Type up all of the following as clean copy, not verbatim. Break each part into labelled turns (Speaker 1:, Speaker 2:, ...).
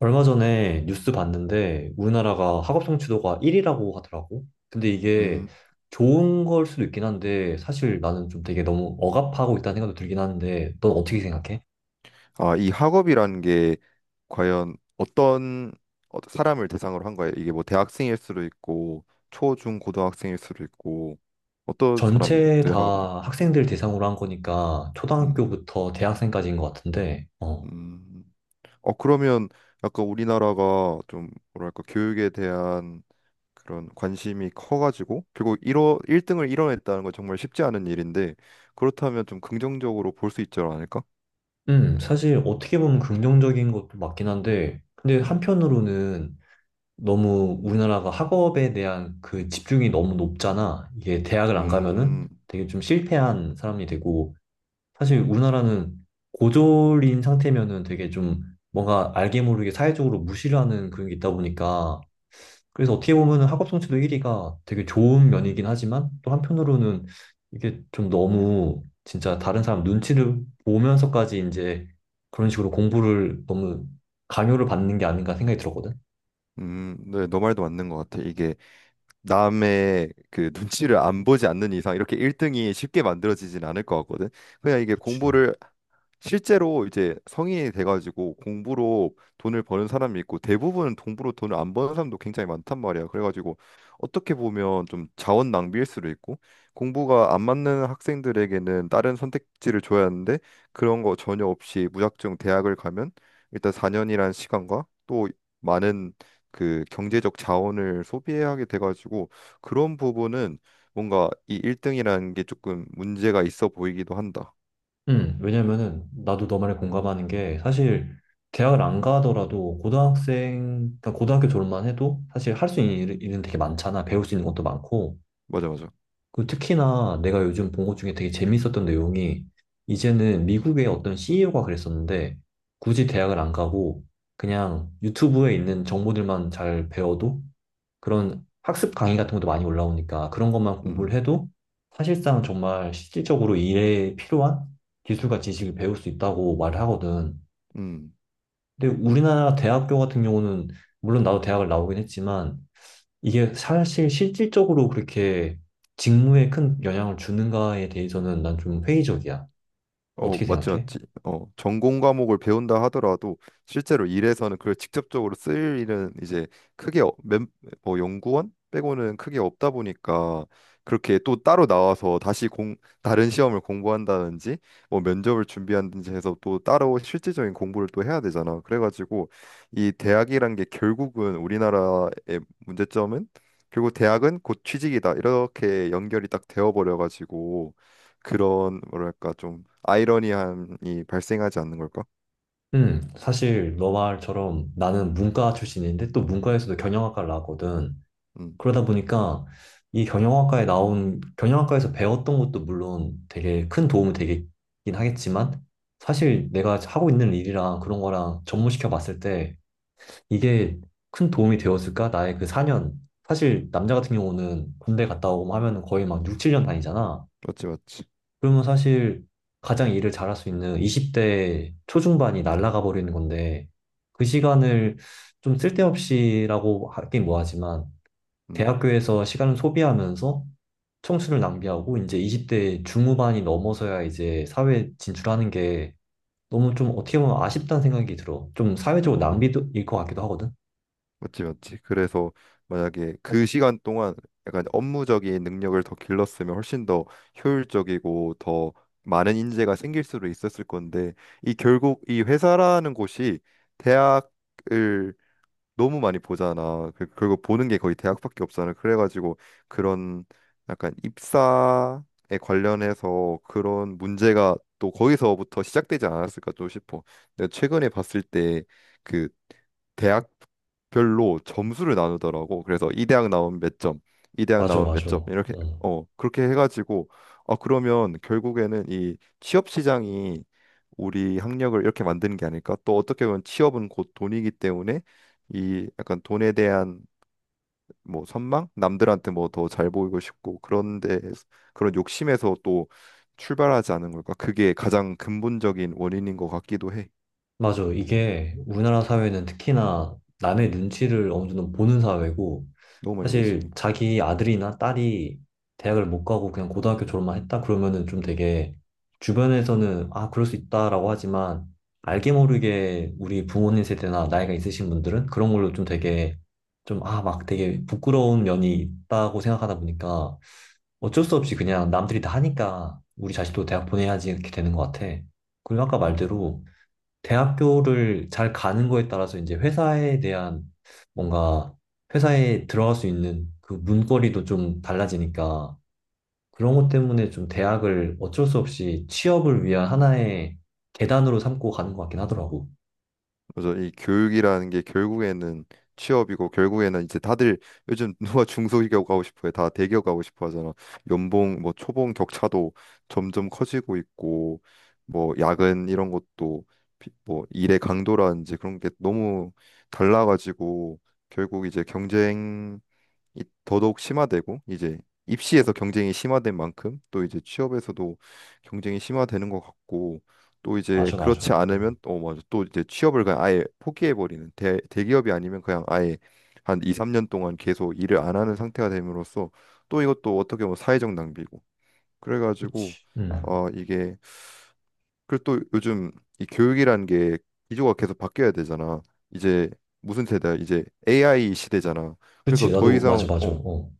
Speaker 1: 얼마 전에 뉴스 봤는데 우리나라가 학업 성취도가 1위라고 하더라고. 근데 이게
Speaker 2: 음.
Speaker 1: 좋은 걸 수도 있긴 한데 사실 나는 좀 되게 너무 억압하고 있다는 생각도 들긴 하는데 넌 어떻게 생각해?
Speaker 2: 아, 이 학업이라는 게 과연 어떤 사람을 대상으로 한 거예요? 이게 뭐 대학생일 수도 있고 초, 중, 고등학생일 수도 있고 어떤
Speaker 1: 전체
Speaker 2: 사람들의 학업이야?
Speaker 1: 다 학생들 대상으로 한 거니까
Speaker 2: 음.
Speaker 1: 초등학교부터 대학생까지인 것 같은데, 어.
Speaker 2: 음. 어, 그러면 약간 우리나라가 좀 뭐랄까 교육에 대한 그런 관심이 커가지고 결국 일어 1등을 이뤄냈다는 건 정말 쉽지 않은 일인데, 그렇다면 좀 긍정적으로 볼 수 있지 않을까?
Speaker 1: 사실 어떻게 보면 긍정적인 것도 맞긴 한데, 근데
Speaker 2: 음.
Speaker 1: 한편으로는 너무 우리나라가 학업에 대한 그 집중이 너무 높잖아. 이게 대학을 안 가면은
Speaker 2: 음.
Speaker 1: 되게 좀 실패한 사람이 되고, 사실 우리나라는 고졸인 상태면은 되게 좀 뭔가 알게 모르게 사회적으로 무시를 하는 그런 게 있다 보니까, 그래서 어떻게 보면은 학업 성취도 1위가 되게 좋은 면이긴 하지만, 또 한편으로는 이게 좀 너무 진짜 다른 사람 눈치를 보면서까지 이제 그런 식으로 공부를 너무 강요를 받는 게 아닌가 생각이 들었거든.
Speaker 2: 음. 네, 너 말도 맞는 것 같아. 이게 남의 그 눈치를 안 보지 않는 이상 이렇게 1등이 쉽게 만들어지진 않을 것 같거든. 그냥 이게
Speaker 1: 그치.
Speaker 2: 공부를, 실제로 이제 성인이 돼가지고 공부로 돈을 버는 사람이 있고 대부분 공부로 돈을 안 버는 사람도 굉장히 많단 말이야. 그래가지고 어떻게 보면 좀 자원 낭비일 수도 있고, 공부가 안 맞는 학생들에게는 다른 선택지를 줘야 하는데 그런 거 전혀 없이 무작정 대학을 가면 일단 4년이란 시간과 또 많은 그 경제적 자원을 소비해야 하게 돼가지고, 그런 부분은 뭔가 이 1등이라는 게 조금 문제가 있어 보이기도 한다.
Speaker 1: 왜냐면은 나도 너만에 공감하는 게 사실 대학을 안 가더라도 고등학생, 그러니까 고등학교 졸업만 해도 사실 할 수 있는 일은 되게 많잖아. 배울 수 있는 것도 많고.
Speaker 2: 맞아, 맞아.
Speaker 1: 그 특히나 내가 요즘 본 것 중에 되게 재밌었던 내용이 이제는 미국의 어떤 CEO가 그랬었는데 굳이 대학을 안 가고 그냥 유튜브에 있는 정보들만 잘 배워도 그런 학습 강의 같은 것도 많이 올라오니까 그런 것만
Speaker 2: 음.
Speaker 1: 공부를
Speaker 2: 음.
Speaker 1: 해도 사실상 정말 실질적으로 일에 필요한 기술과 지식을 배울 수 있다고 말을 하거든.
Speaker 2: 음.
Speaker 1: 근데 우리나라 대학교 같은 경우는 물론 나도 대학을 나오긴 했지만 이게 사실 실질적으로 그렇게 직무에 큰 영향을 주는가에 대해서는 난 좀 회의적이야.
Speaker 2: 어,
Speaker 1: 어떻게
Speaker 2: 맞지,
Speaker 1: 생각해?
Speaker 2: 맞지. 어, 전공 과목을 배운다 하더라도 실제로 일에서는 그걸 직접적으로 쓸 일은 이제 크게 뭐 연구원 빼고는 크게 없다 보니까, 그렇게 또 따로 나와서 다시 다른 시험을 공부한다든지 뭐 면접을 준비한다든지 해서 또 따로 실질적인 공부를 또 해야 되잖아. 그래가지고 이 대학이란 게 결국은, 우리나라의 문제점은 결국 대학은 곧 취직이다, 이렇게 연결이 딱 되어버려가지고 그런 뭐랄까 좀 아이러니함이 발생하지 않는 걸까?
Speaker 1: 사실 너 말처럼 나는 문과 출신인데 또 문과에서도 경영학과를 나왔거든.
Speaker 2: 음,
Speaker 1: 그러다 보니까 이 경영학과에서 배웠던 것도 물론 되게 큰 도움이 되긴 하겠지만, 사실 내가 하고 있는 일이랑 그런 거랑 접목시켜 봤을 때 이게 큰 도움이 되었을까? 나의 그 4년. 사실 남자 같은 경우는 군대 갔다 오고 하면 거의 막 6, 7년 다니잖아.
Speaker 2: 맞지, 맞지.
Speaker 1: 그러면 사실 가장 일을 잘할 수 있는 20대 초중반이 날아가 버리는 건데, 그 시간을 좀 쓸데없이라고 하긴 뭐하지만,
Speaker 2: 음,
Speaker 1: 대학교에서 시간을 소비하면서 청춘을 낭비하고 이제 20대 중후반이 넘어서야 이제 사회 진출하는 게 너무 좀 어떻게 보면 아쉽다는 생각이 들어. 좀 사회적으로 낭비도 일 것 같기도 하거든.
Speaker 2: 맞지, 맞지. 그래서 만약에 그 시간 동안 약간 업무적인 능력을 더 길렀으면 훨씬 더 효율적이고 더 많은 인재가 생길 수도 있었을 건데, 이 결국 이 회사라는 곳이 대학을 너무 많이 보잖아. 그리고 보는 게 거의 대학밖에 없잖아. 그래가지고 그런 약간 입사에 관련해서 그런 문제가 또 거기서부터 시작되지 않았을까 또 싶어. 내가 최근에 봤을 때 그 대학별로 점수를 나누더라고. 그래서 이 대학 나오면 몇 점, 이 대학
Speaker 1: 맞아,
Speaker 2: 나오면 몇
Speaker 1: 맞아.
Speaker 2: 점, 이렇게,
Speaker 1: 어.
Speaker 2: 그렇게 해가지고, 아, 그러면 결국에는 이 취업 시장이 우리 학력을 이렇게 만드는 게 아닐까? 또 어떻게 보면 취업은 곧 돈이기 때문에 이 약간 돈에 대한 뭐 선망? 남들한테 뭐 더 잘 보이고 싶고 그런데, 그런 욕심에서 또 출발하지 않은 걸까? 그게 가장 근본적인 원인인 것 같기도 해.
Speaker 1: 맞아. 이게 우리나라 사회는 특히나 남의 눈치를 어느 정도 보는 사회고,
Speaker 2: 너무 많이
Speaker 1: 사실
Speaker 2: 보지.
Speaker 1: 자기 아들이나 딸이 대학을 못 가고 그냥 고등학교 졸업만 했다 그러면은 좀 되게 주변에서는 아, 그럴 수 있다라고 하지만 알게 모르게 우리 부모님 세대나 나이가 있으신 분들은 그런 걸로 좀 되게 좀 아, 막 되게 부끄러운 면이 있다고 생각하다 보니까 어쩔 수 없이 그냥 남들이 다 하니까 우리 자식도 대학 보내야지 이렇게 되는 것 같아. 그리고 아까 말대로 대학교를 잘 가는 거에 따라서 이제 회사에 대한 뭔가 회사에 들어갈 수 있는 그 문거리도 좀 달라지니까 그런 것 때문에 좀 대학을 어쩔 수 없이 취업을 위한 하나의 계단으로 삼고 가는 것 같긴 하더라고.
Speaker 2: 그래서 이 교육이라는 게 결국에는 취업이고, 결국에는 이제 다들 요즘 누가 중소기업 가고 싶어해, 다 대기업 가고 싶어 하잖아. 연봉 뭐 초봉 격차도 점점 커지고 있고, 뭐 야근 이런 것도 뭐 일의 강도라든지 그런 게 너무 달라가지고, 결국 이제 경쟁 더더욱 심화되고, 이제 입시에서 경쟁이 심화된 만큼 또 이제 취업에서도 경쟁이 심화되는 것 같고, 또 이제
Speaker 1: 맞아, 맞아.
Speaker 2: 그렇지
Speaker 1: 음.
Speaker 2: 않으면 또 맞아 또 이제 취업을 그냥 아예 포기해버리는, 대기업이 아니면 그냥 아예 한 2, 3년 동안 계속 일을 안 하는 상태가 됨으로써 또 이것도 어떻게 보면 사회적 낭비고. 그래가지고
Speaker 1: 그치. 음.
Speaker 2: 이게, 그리고 또 요즘 이 교육이라는 게 기조가 계속 바뀌어야 되잖아. 이제 무슨 세대야, 이제 AI 시대잖아. 그래서
Speaker 1: 그치.
Speaker 2: 더
Speaker 1: 나도 맞아,
Speaker 2: 이상
Speaker 1: 맞아. 어.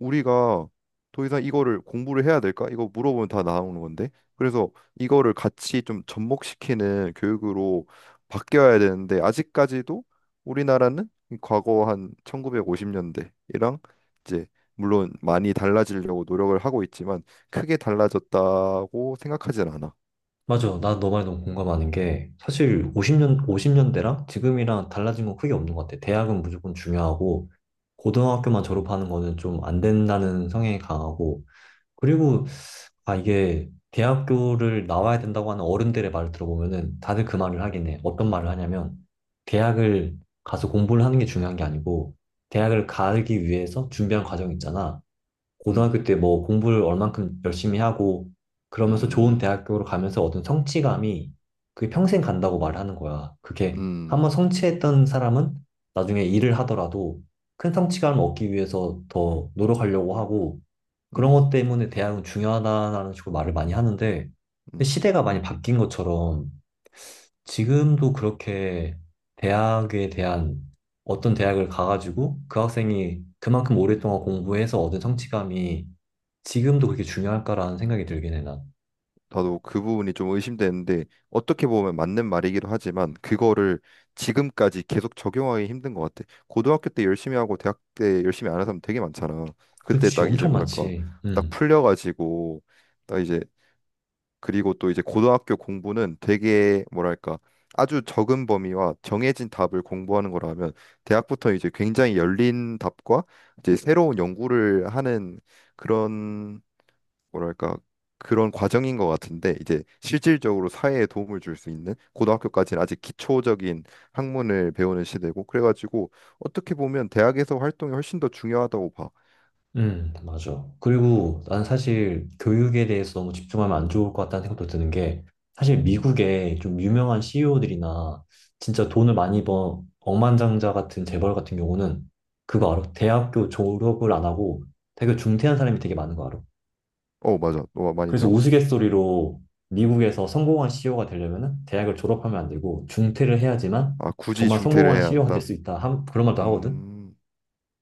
Speaker 2: 우리가 더 이상 이거를 공부를 해야 될까? 이거 물어보면 다 나오는 건데. 그래서 이거를 같이 좀 접목시키는 교육으로 바뀌어야 되는데, 아직까지도 우리나라는 과거 한 1950년대이랑 이제, 물론 많이 달라지려고 노력을 하고 있지만 크게 달라졌다고 생각하진 않아.
Speaker 1: 맞아. 나 너 말에 너무 공감하는 게 사실 50년대랑 지금이랑 달라진 건 크게 없는 것 같아. 대학은 무조건 중요하고 고등학교만 졸업하는 거는 좀 안 된다는 성향이 강하고 그리고 아 이게 대학교를 나와야 된다고 하는 어른들의 말을 들어보면은 다들 그 말을 하긴 해. 어떤 말을 하냐면 대학을 가서 공부를 하는 게 중요한 게 아니고 대학을 가기 위해서 준비한 과정이 있잖아. 고등학교
Speaker 2: 음.
Speaker 1: 때 뭐 공부를 얼만큼 열심히 하고 그러면서 좋은
Speaker 2: 음.
Speaker 1: 대학교로 가면서 얻은 성취감이 그게 평생 간다고 말하는 거야. 그게 한번
Speaker 2: 음.
Speaker 1: 성취했던 사람은 나중에 일을 하더라도 큰 성취감을 얻기 위해서 더 노력하려고 하고 그런
Speaker 2: 음.
Speaker 1: 것 때문에 대학은 중요하다라는 식으로 말을 많이 하는데 근데
Speaker 2: 음.
Speaker 1: 시대가 많이 바뀐 것처럼 지금도 그렇게 대학에 대한 어떤 대학을 가가지고 그 학생이 그만큼 오랫동안 공부해서 얻은 성취감이 지금도 그렇게 중요할까라는 생각이 들긴 해, 난.
Speaker 2: 나도 그 부분이 좀 의심되는데 어떻게 보면 맞는 말이기도 하지만 그거를 지금까지 계속 적용하기 힘든 것 같아. 고등학교 때 열심히 하고 대학 때 열심히 안 한 사람 되게 많잖아. 그때
Speaker 1: 그렇지,
Speaker 2: 딱 이제
Speaker 1: 엄청
Speaker 2: 뭐랄까
Speaker 1: 많지.
Speaker 2: 딱
Speaker 1: 음.
Speaker 2: 풀려가지고 딱 이제, 그리고 또 이제 고등학교 공부는 되게 뭐랄까 아주 적은 범위와 정해진 답을 공부하는 거라면 대학부터 이제 굉장히 열린 답과 이제 새로운 연구를 하는 뭐랄까 그런 과정인 것 같은데, 이제 실질적으로 사회에 도움을 줄 수 있는, 고등학교까지는 아직 기초적인 학문을 배우는 시대고 그래가지고 어떻게 보면 대학에서 활동이 훨씬 더 중요하다고 봐.
Speaker 1: 맞아. 그리고 난 사실 교육에 대해서 너무 집중하면 안 좋을 것 같다는 생각도 드는 게 사실 미국에 좀 유명한 CEO들이나 진짜 돈을 많이 번 억만장자 같은 재벌 같은 경우는 그거 알아? 대학교 졸업을 안 하고 되게 중퇴한 사람이 되게 많은 거 알아?
Speaker 2: 어, 맞아, 너가 많이
Speaker 1: 그래서
Speaker 2: 들어봤어.
Speaker 1: 우스갯소리로 미국에서 성공한 CEO가 되려면은 대학을 졸업하면 안 되고 중퇴를 해야지만
Speaker 2: 아, 굳이
Speaker 1: 정말
Speaker 2: 중퇴를
Speaker 1: 성공한
Speaker 2: 해야
Speaker 1: CEO가 될
Speaker 2: 한다.
Speaker 1: 수 있다. 그런 말도 하거든.
Speaker 2: 음,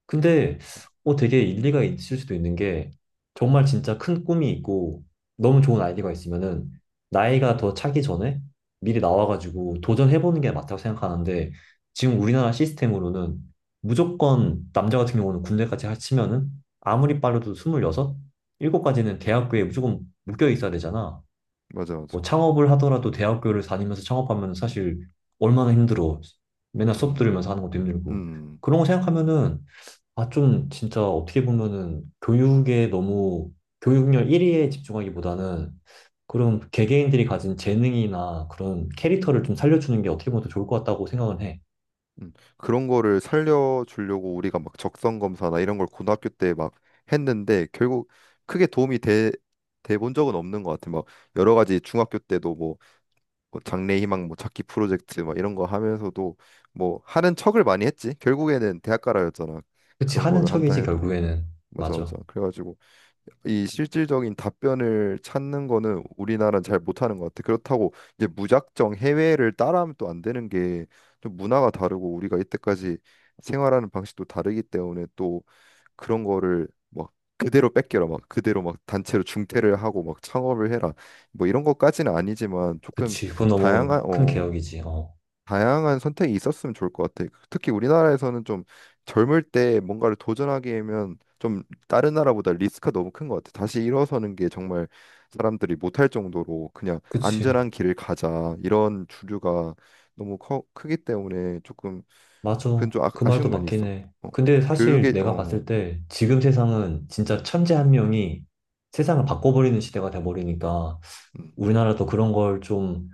Speaker 1: 근데 어 되게 일리가 있을 수도 있는 게 정말 진짜 큰 꿈이 있고 너무 좋은 아이디어가 있으면은 나이가 더 차기 전에 미리 나와가지고 도전해보는 게 맞다고 생각하는데 지금 우리나라 시스템으로는 무조건 남자 같은 경우는 군대까지 합치면은 아무리 빨라도 26, 7까지는 대학교에 무조건 묶여 있어야 되잖아.
Speaker 2: 맞아, 맞아.
Speaker 1: 뭐 창업을 하더라도 대학교를 다니면서 창업하면 사실 얼마나 힘들어. 맨날 수업
Speaker 2: 음.
Speaker 1: 들으면서 하는 것도 힘들고.
Speaker 2: 음.
Speaker 1: 그런 거 생각하면은 아, 좀 진짜 어떻게 보면은 교육에 너무 교육열 1위에 집중하기보다는 그런 개개인들이 가진 재능이나 그런 캐릭터를 좀 살려주는 게 어떻게 보면 더 좋을 것 같다고 생각은 해.
Speaker 2: 음. 그런 거를 살려주려고 우리가 막 적성 검사나 이런 걸 고등학교 때 막 했는데, 결국 크게 도움이 돼 본 적은 없는 것 같아. 막 여러 가지, 중학교 때도 뭐 장래희망 뭐 찾기 프로젝트 막 이런 거 하면서도 뭐 하는 척을 많이 했지. 결국에는 대학가라였잖아.
Speaker 1: 그치,
Speaker 2: 그런
Speaker 1: 하는
Speaker 2: 거를 한다
Speaker 1: 척이지,
Speaker 2: 해도,
Speaker 1: 결국에는.
Speaker 2: 맞아,
Speaker 1: 맞아.
Speaker 2: 맞아. 그래가지고 이 실질적인 답변을 찾는 거는 우리나라는 잘 못하는 것 같아. 그렇다고 이제 무작정 해외를 따라하면 또 안 되는 게, 좀 문화가 다르고 우리가 이때까지 생활하는 방식도 다르기 때문에, 그런 거를 막 그대로 뺏겨라 막 그대로 막 단체로 중퇴를 하고 막 창업을 해라 뭐 이런 것까지는 아니지만, 조금
Speaker 1: 그치, 그건 너무
Speaker 2: 다양한
Speaker 1: 큰
Speaker 2: 어
Speaker 1: 개혁이지. 어.
Speaker 2: 다양한 선택이 있었으면 좋을 것 같아. 특히 우리나라에서는 좀 젊을 때 뭔가를 도전하기에는 좀 다른 나라보다 리스크가 너무 큰 것 같아. 다시 일어서는 게 정말 사람들이 못할 정도로 그냥
Speaker 1: 그치,
Speaker 2: 안전한 길을 가자 이런 주류가 너무 크기 때문에, 조금 그건
Speaker 1: 맞아.
Speaker 2: 좀 아,
Speaker 1: 그
Speaker 2: 아쉬운
Speaker 1: 말도
Speaker 2: 면이
Speaker 1: 맞긴
Speaker 2: 있었고,
Speaker 1: 해. 근데 사실
Speaker 2: 교육에
Speaker 1: 내가 봤을 때 지금 세상은 진짜 천재 한 명이 세상을 바꿔버리는 시대가 돼버리니까
Speaker 2: 음.
Speaker 1: 우리나라도 그런 걸 좀,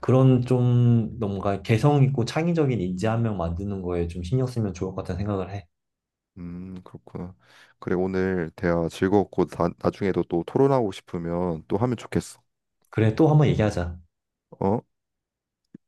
Speaker 1: 그런 좀 뭔가 개성 있고 창의적인 인재 한 명 만드는 거에 좀 신경 쓰면 좋을 것 같다는 생각을 해.
Speaker 2: 그렇구나. 그래, 오늘 대화 즐거웠고, 나중에도 또 토론하고 싶으면 또 하면 좋겠어.
Speaker 1: 그래, 또 한번 얘기하자.
Speaker 2: 어?